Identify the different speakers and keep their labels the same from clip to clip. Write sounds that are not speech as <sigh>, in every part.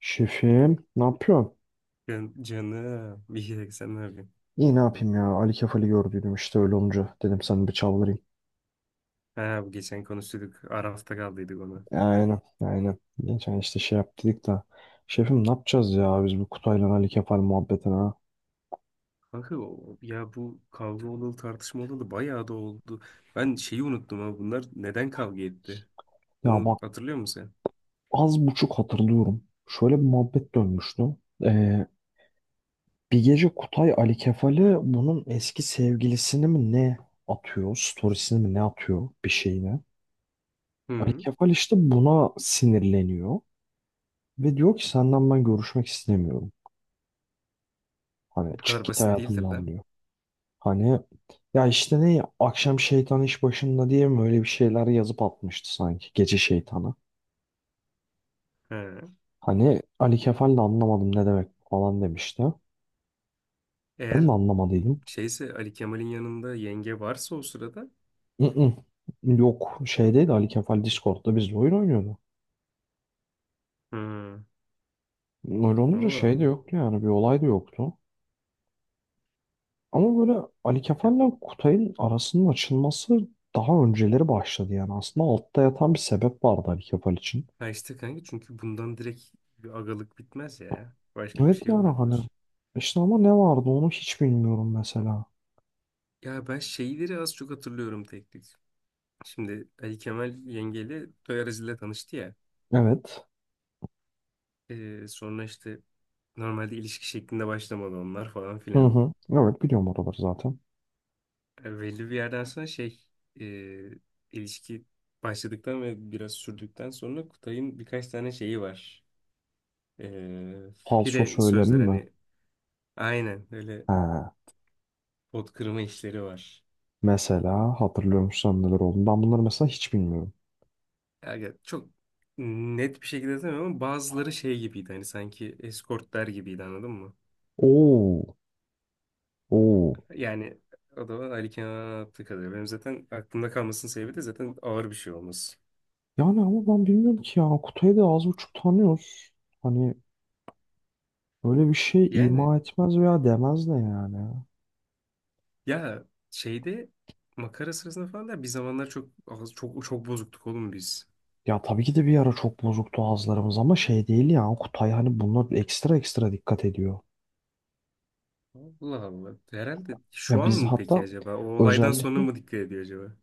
Speaker 1: Şefim, ne yapıyorsun?
Speaker 2: Can, canım. İyi ki de sen ne yapıyorsun?
Speaker 1: İyi ne yapayım ya. Ali Kefal'i gördüydüm işte öyle olunca. Dedim sana bir çaldırayım.
Speaker 2: Ha, bu geçen konuştuk. Arafta kaldıydık ona.
Speaker 1: Aynen, aynen. Geçen işte şey yaptık da. Şefim ne yapacağız ya biz bu Kutay'la Ali Kefal muhabbetine ha?
Speaker 2: Kanka ya bu kavga olalı tartışma olalı bayağı da oldu. Ben şeyi unuttum ha. Bunlar neden kavga etti?
Speaker 1: Ya
Speaker 2: Onu
Speaker 1: bak
Speaker 2: hatırlıyor musun sen?
Speaker 1: az buçuk hatırlıyorum. Şöyle bir muhabbet dönmüştü. Ee, bir gece Kutay Ali Kefal'i bunun eski sevgilisini mi ne atıyor? Storiesini mi ne atıyor bir şeyine? Ali
Speaker 2: Hı.
Speaker 1: Kefal işte buna sinirleniyor. Ve diyor ki senden ben görüşmek istemiyorum. Hani
Speaker 2: Bu
Speaker 1: çık
Speaker 2: kadar
Speaker 1: git
Speaker 2: basit değildir
Speaker 1: hayatımdan
Speaker 2: lan.
Speaker 1: diyor. Hani ya işte ne ya, akşam şeytan iş başında diye mi öyle bir şeyler yazıp atmıştı sanki gece şeytanı.
Speaker 2: Ha.
Speaker 1: Hani Ali Kefal de anlamadım ne demek falan demişti. Ben
Speaker 2: Eğer
Speaker 1: de anlamadıydım.
Speaker 2: şeyse Ali Kemal'in yanında yenge varsa o sırada.
Speaker 1: Mm-mm. Yok, şeydeydi, Ali Kefal Discord'da bizle oyun oynuyordu.
Speaker 2: Hı.
Speaker 1: Öyle olunca
Speaker 2: Allah
Speaker 1: şey de
Speaker 2: Allah.
Speaker 1: yoktu yani bir olay da yoktu. Ama böyle Ali
Speaker 2: Ya,
Speaker 1: Kefal'le Kutay'ın arasının açılması daha önceleri başladı yani. Aslında altta yatan bir sebep vardı Ali Kefal için.
Speaker 2: ha işte kanka çünkü bundan direkt bir agalık bitmez ya. Başka bir
Speaker 1: Evet
Speaker 2: şey
Speaker 1: yani hani
Speaker 2: vardır.
Speaker 1: işte ama ne vardı onu hiç bilmiyorum mesela.
Speaker 2: Ya ben şeyleri az çok hatırlıyorum tek tek. Şimdi Ali Kemal yengeyle toy aracıyla tanıştı ya.
Speaker 1: Evet.
Speaker 2: Sonra işte normalde ilişki şeklinde başlamadı onlar falan
Speaker 1: Hı
Speaker 2: filan.
Speaker 1: hı. Evet biliyorum oraları zaten.
Speaker 2: Yani belli bir yerden sonra şey e, ilişki başladıktan ve biraz sürdükten sonra Kutay'ın birkaç tane şeyi var.
Speaker 1: Falso
Speaker 2: Fire
Speaker 1: söylemi
Speaker 2: sözler
Speaker 1: mi?
Speaker 2: hani aynen öyle
Speaker 1: He.
Speaker 2: pot kırma işleri var.
Speaker 1: Mesela hatırlıyor musun neler oldu? Ben bunları mesela hiç bilmiyorum.
Speaker 2: Yani çok net bir şekilde demiyorum ama bazıları şey gibiydi hani sanki eskortlar gibiydi anladın mı?
Speaker 1: Oo. Oo.
Speaker 2: Yani o da Ali Kenan'a attığı kadarıyla. Benim zaten aklımda kalmasının sebebi de zaten ağır bir şey olması.
Speaker 1: Yani ama ben bilmiyorum ki ya. Kutayı da az buçuk tanıyoruz. Hani böyle bir şey
Speaker 2: Yani
Speaker 1: ima etmez veya demez de yani.
Speaker 2: ya şeyde makara sırasında falan da bir zamanlar çok çok çok bozuktuk oğlum biz.
Speaker 1: Ya tabii ki de bir ara çok bozuktu ağızlarımız ama şey değil ya. Kutay hani bunlar ekstra ekstra dikkat ediyor.
Speaker 2: Allah Allah. Herhalde şu
Speaker 1: Ya
Speaker 2: an
Speaker 1: biz
Speaker 2: mı peki
Speaker 1: hatta
Speaker 2: acaba? O olaydan sonra
Speaker 1: özellikle
Speaker 2: mı dikkat ediyor acaba?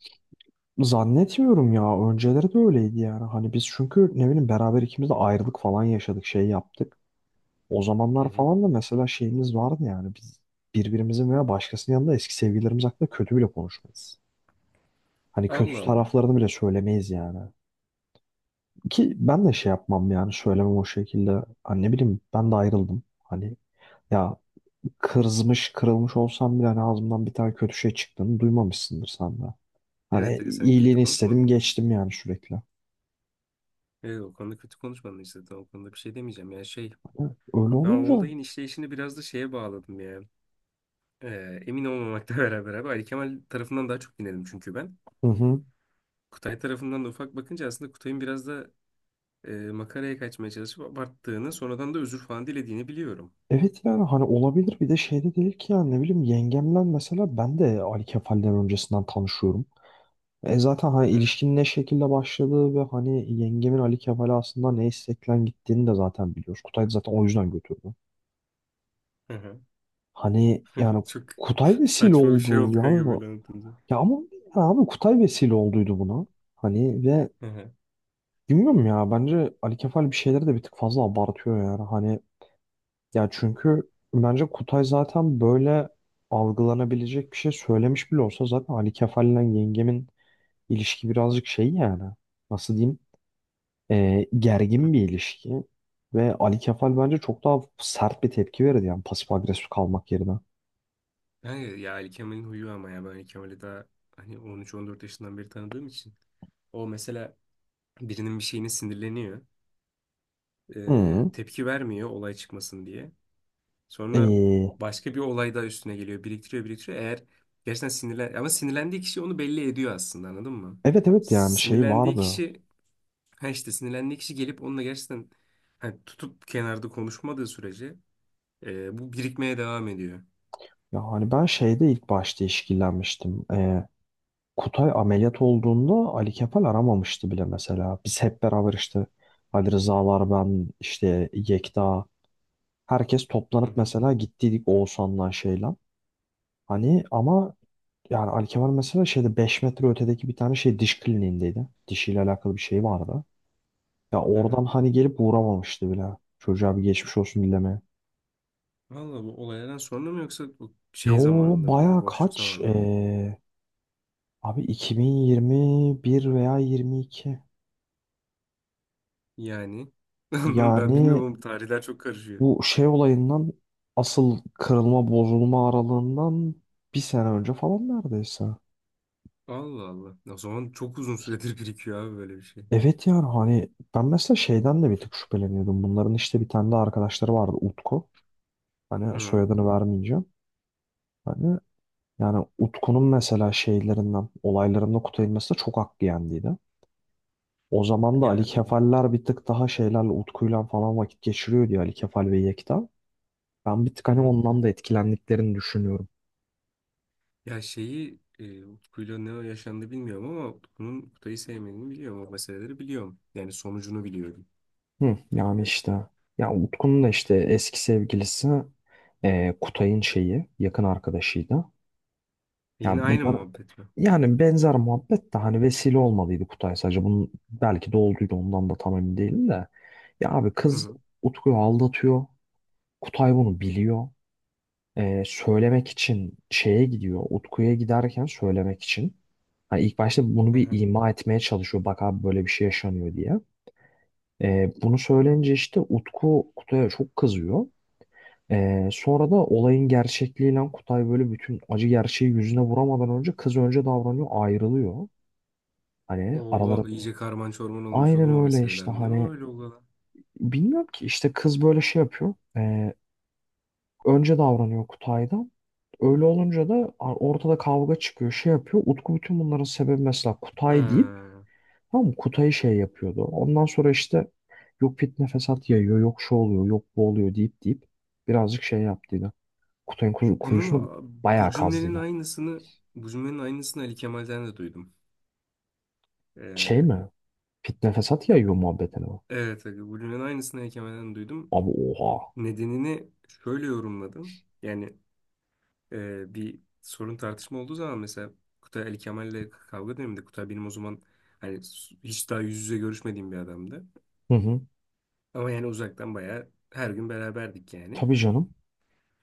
Speaker 1: zannetmiyorum ya. Önceleri de öyleydi yani. Hani biz çünkü ne bileyim beraber ikimiz de ayrılık falan yaşadık, şey yaptık. O
Speaker 2: Hı
Speaker 1: zamanlar
Speaker 2: hı.
Speaker 1: falan da mesela şeyimiz vardı yani. Biz birbirimizin veya başkasının yanında eski sevgililerimiz hakkında kötü bile konuşmayız. Hani kötü
Speaker 2: Allah Allah.
Speaker 1: taraflarını bile söylemeyiz yani. Ki ben de şey yapmam yani söylemem o şekilde. Hani ne bileyim ben de ayrıldım. Hani ya kızmış kırılmış olsam bile hani ağzımdan bir tane kötü şey çıktığını duymamışsındır sen de. Hani
Speaker 2: Evet Ali sen kötü
Speaker 1: iyiliğini
Speaker 2: konuşmadın
Speaker 1: istedim
Speaker 2: mı?
Speaker 1: geçtim yani sürekli.
Speaker 2: Evet o konuda kötü konuşmadın işte. Tamam, o konuda bir şey demeyeceğim. Yani şey
Speaker 1: Öyle
Speaker 2: ben o
Speaker 1: olunca
Speaker 2: olayın işleyişini biraz da şeye bağladım ya. Emin olmamakla <laughs> beraber abi Ali Kemal tarafından daha çok dinledim çünkü ben.
Speaker 1: hı hı.
Speaker 2: Kutay tarafından da ufak bakınca aslında Kutay'ın biraz da makaraya kaçmaya çalışıp abarttığını sonradan da özür falan dilediğini biliyorum.
Speaker 1: Evet yani hani olabilir bir de şey de değil ki yani ne bileyim yengemler mesela ben de Ali Kefal'den öncesinden tanışıyorum. E zaten
Speaker 2: Hı
Speaker 1: hani
Speaker 2: hı,
Speaker 1: ilişkinin ne şekilde başladığı ve hani yengemin Ali Kefal'e aslında ne isteklen gittiğini de zaten biliyoruz. Kutay da zaten o yüzden götürdü.
Speaker 2: hı hı.
Speaker 1: Hani yani
Speaker 2: <laughs> Çok
Speaker 1: Kutay vesile
Speaker 2: saçma bir şey
Speaker 1: oldu
Speaker 2: oldu
Speaker 1: yani
Speaker 2: kanka böyle anlatınca.
Speaker 1: ya ama ya abi Kutay vesile olduydu buna. Hani ve
Speaker 2: Hı hı.
Speaker 1: bilmiyorum ya bence Ali Kefal bir şeyleri de bir tık fazla abartıyor yani. Hani ya çünkü bence Kutay zaten böyle algılanabilecek bir şey söylemiş bile olsa zaten Ali Kefal'le yengemin ilişki birazcık şey yani nasıl diyeyim
Speaker 2: Hı.
Speaker 1: gergin bir ilişki ve Ali Kefal bence çok daha sert bir tepki verirdi yani pasif agresif kalmak yerine.
Speaker 2: Kanka ya Ali Kemal'in huyu ama ya ben Ali Kemal'i daha hani 13-14 yaşından beri tanıdığım için. O mesela birinin bir şeyine sinirleniyor.
Speaker 1: Hı.
Speaker 2: Tepki vermiyor olay çıkmasın diye. Sonra
Speaker 1: E,
Speaker 2: başka bir olay daha üstüne geliyor. Biriktiriyor, biriktiriyor. Eğer gerçekten sinirlen... Ama sinirlendiği kişi onu belli ediyor aslında anladın mı?
Speaker 1: evet evet yani şey
Speaker 2: Sinirlendiği
Speaker 1: vardı
Speaker 2: kişi... Ha işte sinirlendiği kişi gelip onunla gerçekten hani tutup kenarda konuşmadığı sürece bu birikmeye devam ediyor.
Speaker 1: ya hani ben şeyde ilk başta işkillenmiştim Kutay ameliyat olduğunda Ali Kefal aramamıştı bile mesela. Biz hep beraber işte Ali Rızalar, ben, işte Yekta, herkes
Speaker 2: Hı
Speaker 1: toplanıp
Speaker 2: hı.
Speaker 1: mesela gittiydik Oğuzhan'la şeyle. Hani ama yani Ali Kefal mesela şeyde 5 metre ötedeki bir tane şey diş kliniğindeydi. Dişiyle alakalı bir şey vardı. Ya
Speaker 2: Hı hı.
Speaker 1: oradan hani gelip uğramamıştı bile. Çocuğa bir geçmiş olsun dilemeye.
Speaker 2: Valla bu olaylardan sonra mı yoksa bu
Speaker 1: Yo
Speaker 2: şey zamanında mı böyle
Speaker 1: baya
Speaker 2: boşluk
Speaker 1: kaç?
Speaker 2: zamanında mı?
Speaker 1: Abi 2021 veya 22.
Speaker 2: Yani <laughs> ben
Speaker 1: Yani
Speaker 2: bilmiyorum ama tarihler çok karışıyor.
Speaker 1: bu şey olayından asıl kırılma bozulma aralığından bir sene önce falan neredeyse.
Speaker 2: Allah Allah. O zaman çok uzun süredir birikiyor abi böyle bir şey.
Speaker 1: Evet yani hani ben mesela şeyden de bir tık şüpheleniyordum. Bunların işte bir tane de arkadaşları vardı Utku. Hani
Speaker 2: Hı.
Speaker 1: soyadını vermeyeceğim. Hani yani Utku'nun mesela şeylerinden olaylarında Kutay'ın mesela çok hakkı yendiydi. O zaman da Ali
Speaker 2: Yani.
Speaker 1: Kefaller bir tık daha şeylerle Utku'yla falan vakit geçiriyor diye Ali Kefal ve Yekta. Ben bir tık
Speaker 2: Hı
Speaker 1: hani
Speaker 2: hı.
Speaker 1: ondan da etkilendiklerini düşünüyorum.
Speaker 2: Ya şeyi Utku'yla ne yaşandı bilmiyorum ama Utku'nun Kutay'ı sevmediğini biliyorum. O meseleleri biliyorum. Yani sonucunu biliyorum.
Speaker 1: Hı, yani işte ya Utku'nun da işte eski sevgilisi Kutay'ın şeyi yakın arkadaşıydı.
Speaker 2: E
Speaker 1: Yani
Speaker 2: yine aynı
Speaker 1: bunlar
Speaker 2: muhabbet mi?
Speaker 1: yani benzer muhabbet de hani vesile olmalıydı Kutay sadece bunun belki de olduydu ondan da tam emin değilim de. Ya abi
Speaker 2: Hı
Speaker 1: kız
Speaker 2: hı.
Speaker 1: Utku'yu aldatıyor. Kutay bunu biliyor. E, söylemek için şeye gidiyor. Utku'ya giderken söylemek için. Hani ilk başta bunu
Speaker 2: Hı
Speaker 1: bir
Speaker 2: hı.
Speaker 1: ima etmeye çalışıyor. Bak abi böyle bir şey yaşanıyor diye. E, bunu söyleyince işte Utku Kutay'a çok kızıyor. Sonra da olayın gerçekliğiyle Kutay böyle bütün acı gerçeği yüzüne vuramadan önce kız önce davranıyor ayrılıyor. Hani
Speaker 2: Oh
Speaker 1: araları
Speaker 2: iyice karman çorman olmuş
Speaker 1: aynen
Speaker 2: oğlum o
Speaker 1: öyle
Speaker 2: meseleler.
Speaker 1: işte
Speaker 2: Ne o
Speaker 1: hani
Speaker 2: öyle ola?
Speaker 1: bilmiyorum ki işte kız böyle şey yapıyor. Önce davranıyor Kutay'dan. Öyle olunca da ortada kavga çıkıyor şey yapıyor. Utku bütün bunların sebebi mesela Kutay deyip
Speaker 2: Ha.
Speaker 1: tamam mı? Kutay'ı şey yapıyordu. Ondan sonra işte yok fitne fesat yayıyor yok şu oluyor yok bu oluyor deyip deyip birazcık şey yaptıydı. Kutay'ın kuy-
Speaker 2: Bunun
Speaker 1: kuyusunu
Speaker 2: bu
Speaker 1: bayağı
Speaker 2: cümlenin
Speaker 1: kazdıydı.
Speaker 2: aynısını bu cümlenin aynısını Ali Kemal'den de duydum.
Speaker 1: Şey
Speaker 2: Ee,
Speaker 1: mi? Fitne fesat yayıyor muhabbetine mi?
Speaker 2: evet aga, bu cümlenin aynısını Ali Kemal'den duydum.
Speaker 1: Abi oha.
Speaker 2: Nedenini şöyle yorumladım. Yani bir sorun tartışma olduğu zaman mesela Kutay Ali Kemal'le kavga döneminde Kutay benim o zaman hani hiç daha yüz yüze görüşmediğim bir adamdı.
Speaker 1: Hı hı.
Speaker 2: Ama yani uzaktan bayağı her gün beraberdik yani.
Speaker 1: Tabii canım.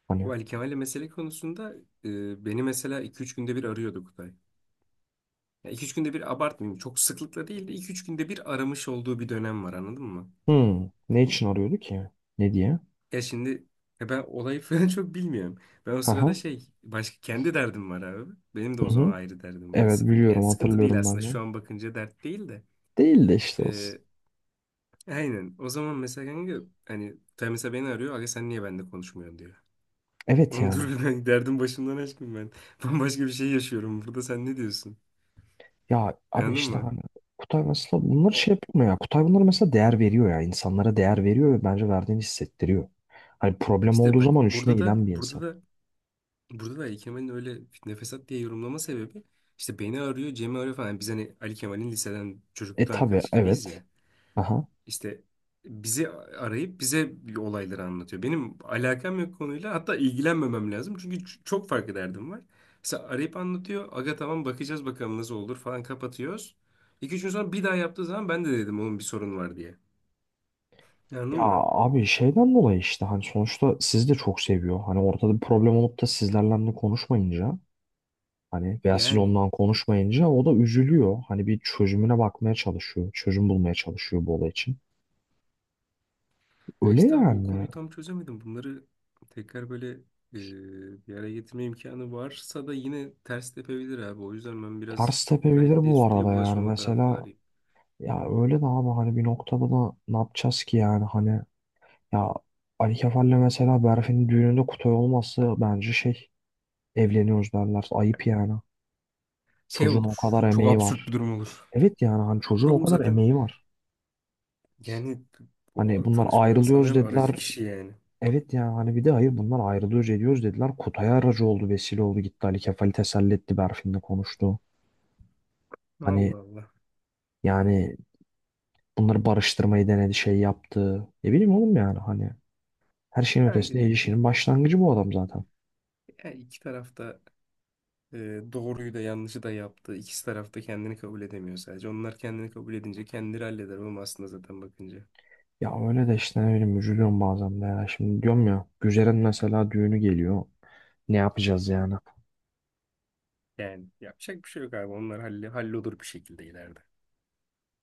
Speaker 1: Hani.
Speaker 2: Bu Ali Kemal'le mesele konusunda beni mesela iki üç günde bir arıyordu Kutay. Yani 2-3 günde bir abartmayayım. Çok sıklıkla değil de iki üç günde bir aramış olduğu bir dönem var anladın mı?
Speaker 1: Hı. Ne için arıyordu ki? Ne diye?
Speaker 2: Ya şimdi ya ben olayı <laughs> falan çok bilmiyorum. Ben o sırada
Speaker 1: Aha,
Speaker 2: şey başka kendi derdim var abi. Benim de
Speaker 1: hı
Speaker 2: o zaman
Speaker 1: hı.
Speaker 2: ayrı derdim var
Speaker 1: Evet
Speaker 2: sıkıntı. Yani
Speaker 1: biliyorum
Speaker 2: sıkıntı değil
Speaker 1: hatırlıyorum
Speaker 2: aslında
Speaker 1: ben de.
Speaker 2: şu an bakınca dert değil de.
Speaker 1: Değil de işte olsun.
Speaker 2: Ee, aynen o zaman mesela kanka hani Tay mesela beni arıyor. Aga sen niye benimle konuşmuyorsun diyor.
Speaker 1: Evet
Speaker 2: Oğlum
Speaker 1: yani.
Speaker 2: dur bir ben derdim başımdan aşkım ben. <laughs> Bambaşka bir şey yaşıyorum burada sen ne diyorsun?
Speaker 1: Ya abi
Speaker 2: Anladın
Speaker 1: işte
Speaker 2: mı?
Speaker 1: hani Kutay mesela bunları
Speaker 2: O-
Speaker 1: şey yapmıyor ya. Kutay bunları mesela değer veriyor ya. İnsanlara değer veriyor ve bence verdiğini hissettiriyor. Hani problem
Speaker 2: İşte
Speaker 1: olduğu
Speaker 2: bak
Speaker 1: zaman üstüne
Speaker 2: burada da
Speaker 1: giden bir insan.
Speaker 2: burada da Ali Kemal'in öyle fitne fesat diye yorumlama sebebi işte beni arıyor, Cem'i arıyor falan. Biz hani Ali Kemal'in liseden
Speaker 1: E
Speaker 2: çocukluktan
Speaker 1: tabii
Speaker 2: arkadaş gibiyiz
Speaker 1: evet.
Speaker 2: ya.
Speaker 1: Aha.
Speaker 2: İşte bizi arayıp bize olayları anlatıyor. Benim alakam yok konuyla hatta ilgilenmemem lazım. Çünkü çok farklı derdim var. Mesela arayıp anlatıyor. Aga tamam bakacağız bakalım nasıl olur falan kapatıyoruz. İki üç gün sonra bir daha yaptığı zaman ben de dedim onun bir sorun var diye. Anladın
Speaker 1: Ya
Speaker 2: mı?
Speaker 1: abi şeyden dolayı işte hani sonuçta sizi de çok seviyor. Hani ortada bir problem olup da sizlerle de konuşmayınca hani veya siz
Speaker 2: Yani.
Speaker 1: ondan konuşmayınca o da üzülüyor. Hani bir çözümüne bakmaya çalışıyor. Çözüm bulmaya çalışıyor bu olay için.
Speaker 2: Ya
Speaker 1: Öyle
Speaker 2: işte abi o
Speaker 1: yani.
Speaker 2: konuyu tam çözemedim. Bunları tekrar böyle bir araya getirme imkanı varsa da yine ters tepebilir abi. O yüzden ben biraz
Speaker 1: Ters
Speaker 2: çok da
Speaker 1: tepebilir
Speaker 2: etliye
Speaker 1: bu
Speaker 2: sütlüye
Speaker 1: arada yani.
Speaker 2: bulaşmama
Speaker 1: Mesela
Speaker 2: taraftarıyım.
Speaker 1: ya öyle de abi hani bir noktada da ne yapacağız ki yani hani ya Ali Kefal'le mesela Berfin'in düğününde Kutay olması bence şey evleniyoruz derler. Ayıp yani.
Speaker 2: Şey
Speaker 1: Çocuğun o
Speaker 2: olur.
Speaker 1: kadar
Speaker 2: Çok
Speaker 1: emeği
Speaker 2: absürt bir
Speaker 1: var.
Speaker 2: durum olur.
Speaker 1: Evet yani hani çocuğun o
Speaker 2: Oğlum
Speaker 1: kadar
Speaker 2: zaten
Speaker 1: emeği var.
Speaker 2: yani
Speaker 1: Hani
Speaker 2: bu
Speaker 1: bunlar
Speaker 2: tanışmalarını
Speaker 1: ayrılıyoruz
Speaker 2: sağlayan aracı
Speaker 1: dediler.
Speaker 2: kişi yani.
Speaker 1: Evet yani hani bir de hayır bunlar ayrılıyoruz ediyoruz dediler. Kutay aracı oldu vesile oldu gitti Ali Kefal'i teselli etti Berfin'le konuştu. Hani
Speaker 2: Allah Allah.
Speaker 1: yani bunları barıştırmayı denedi şey yaptı. Ne bileyim oğlum yani hani her şeyin ötesinde
Speaker 2: Bence
Speaker 1: ilişkinin başlangıcı bu adam zaten.
Speaker 2: yani iki tarafta doğruyu da yanlışı da yaptı. İkisi tarafta kendini kabul edemiyor sadece. Onlar kendini kabul edince kendileri halleder oğlum aslında zaten bakınca.
Speaker 1: Ya öyle de işte ne bileyim üzülüyorum bazen de ya. Şimdi diyorum ya Güzel'in mesela düğünü geliyor. Ne yapacağız yani?
Speaker 2: Yani yapacak bir şey yok abi. Onlar halle, hallolur bir şekilde ileride.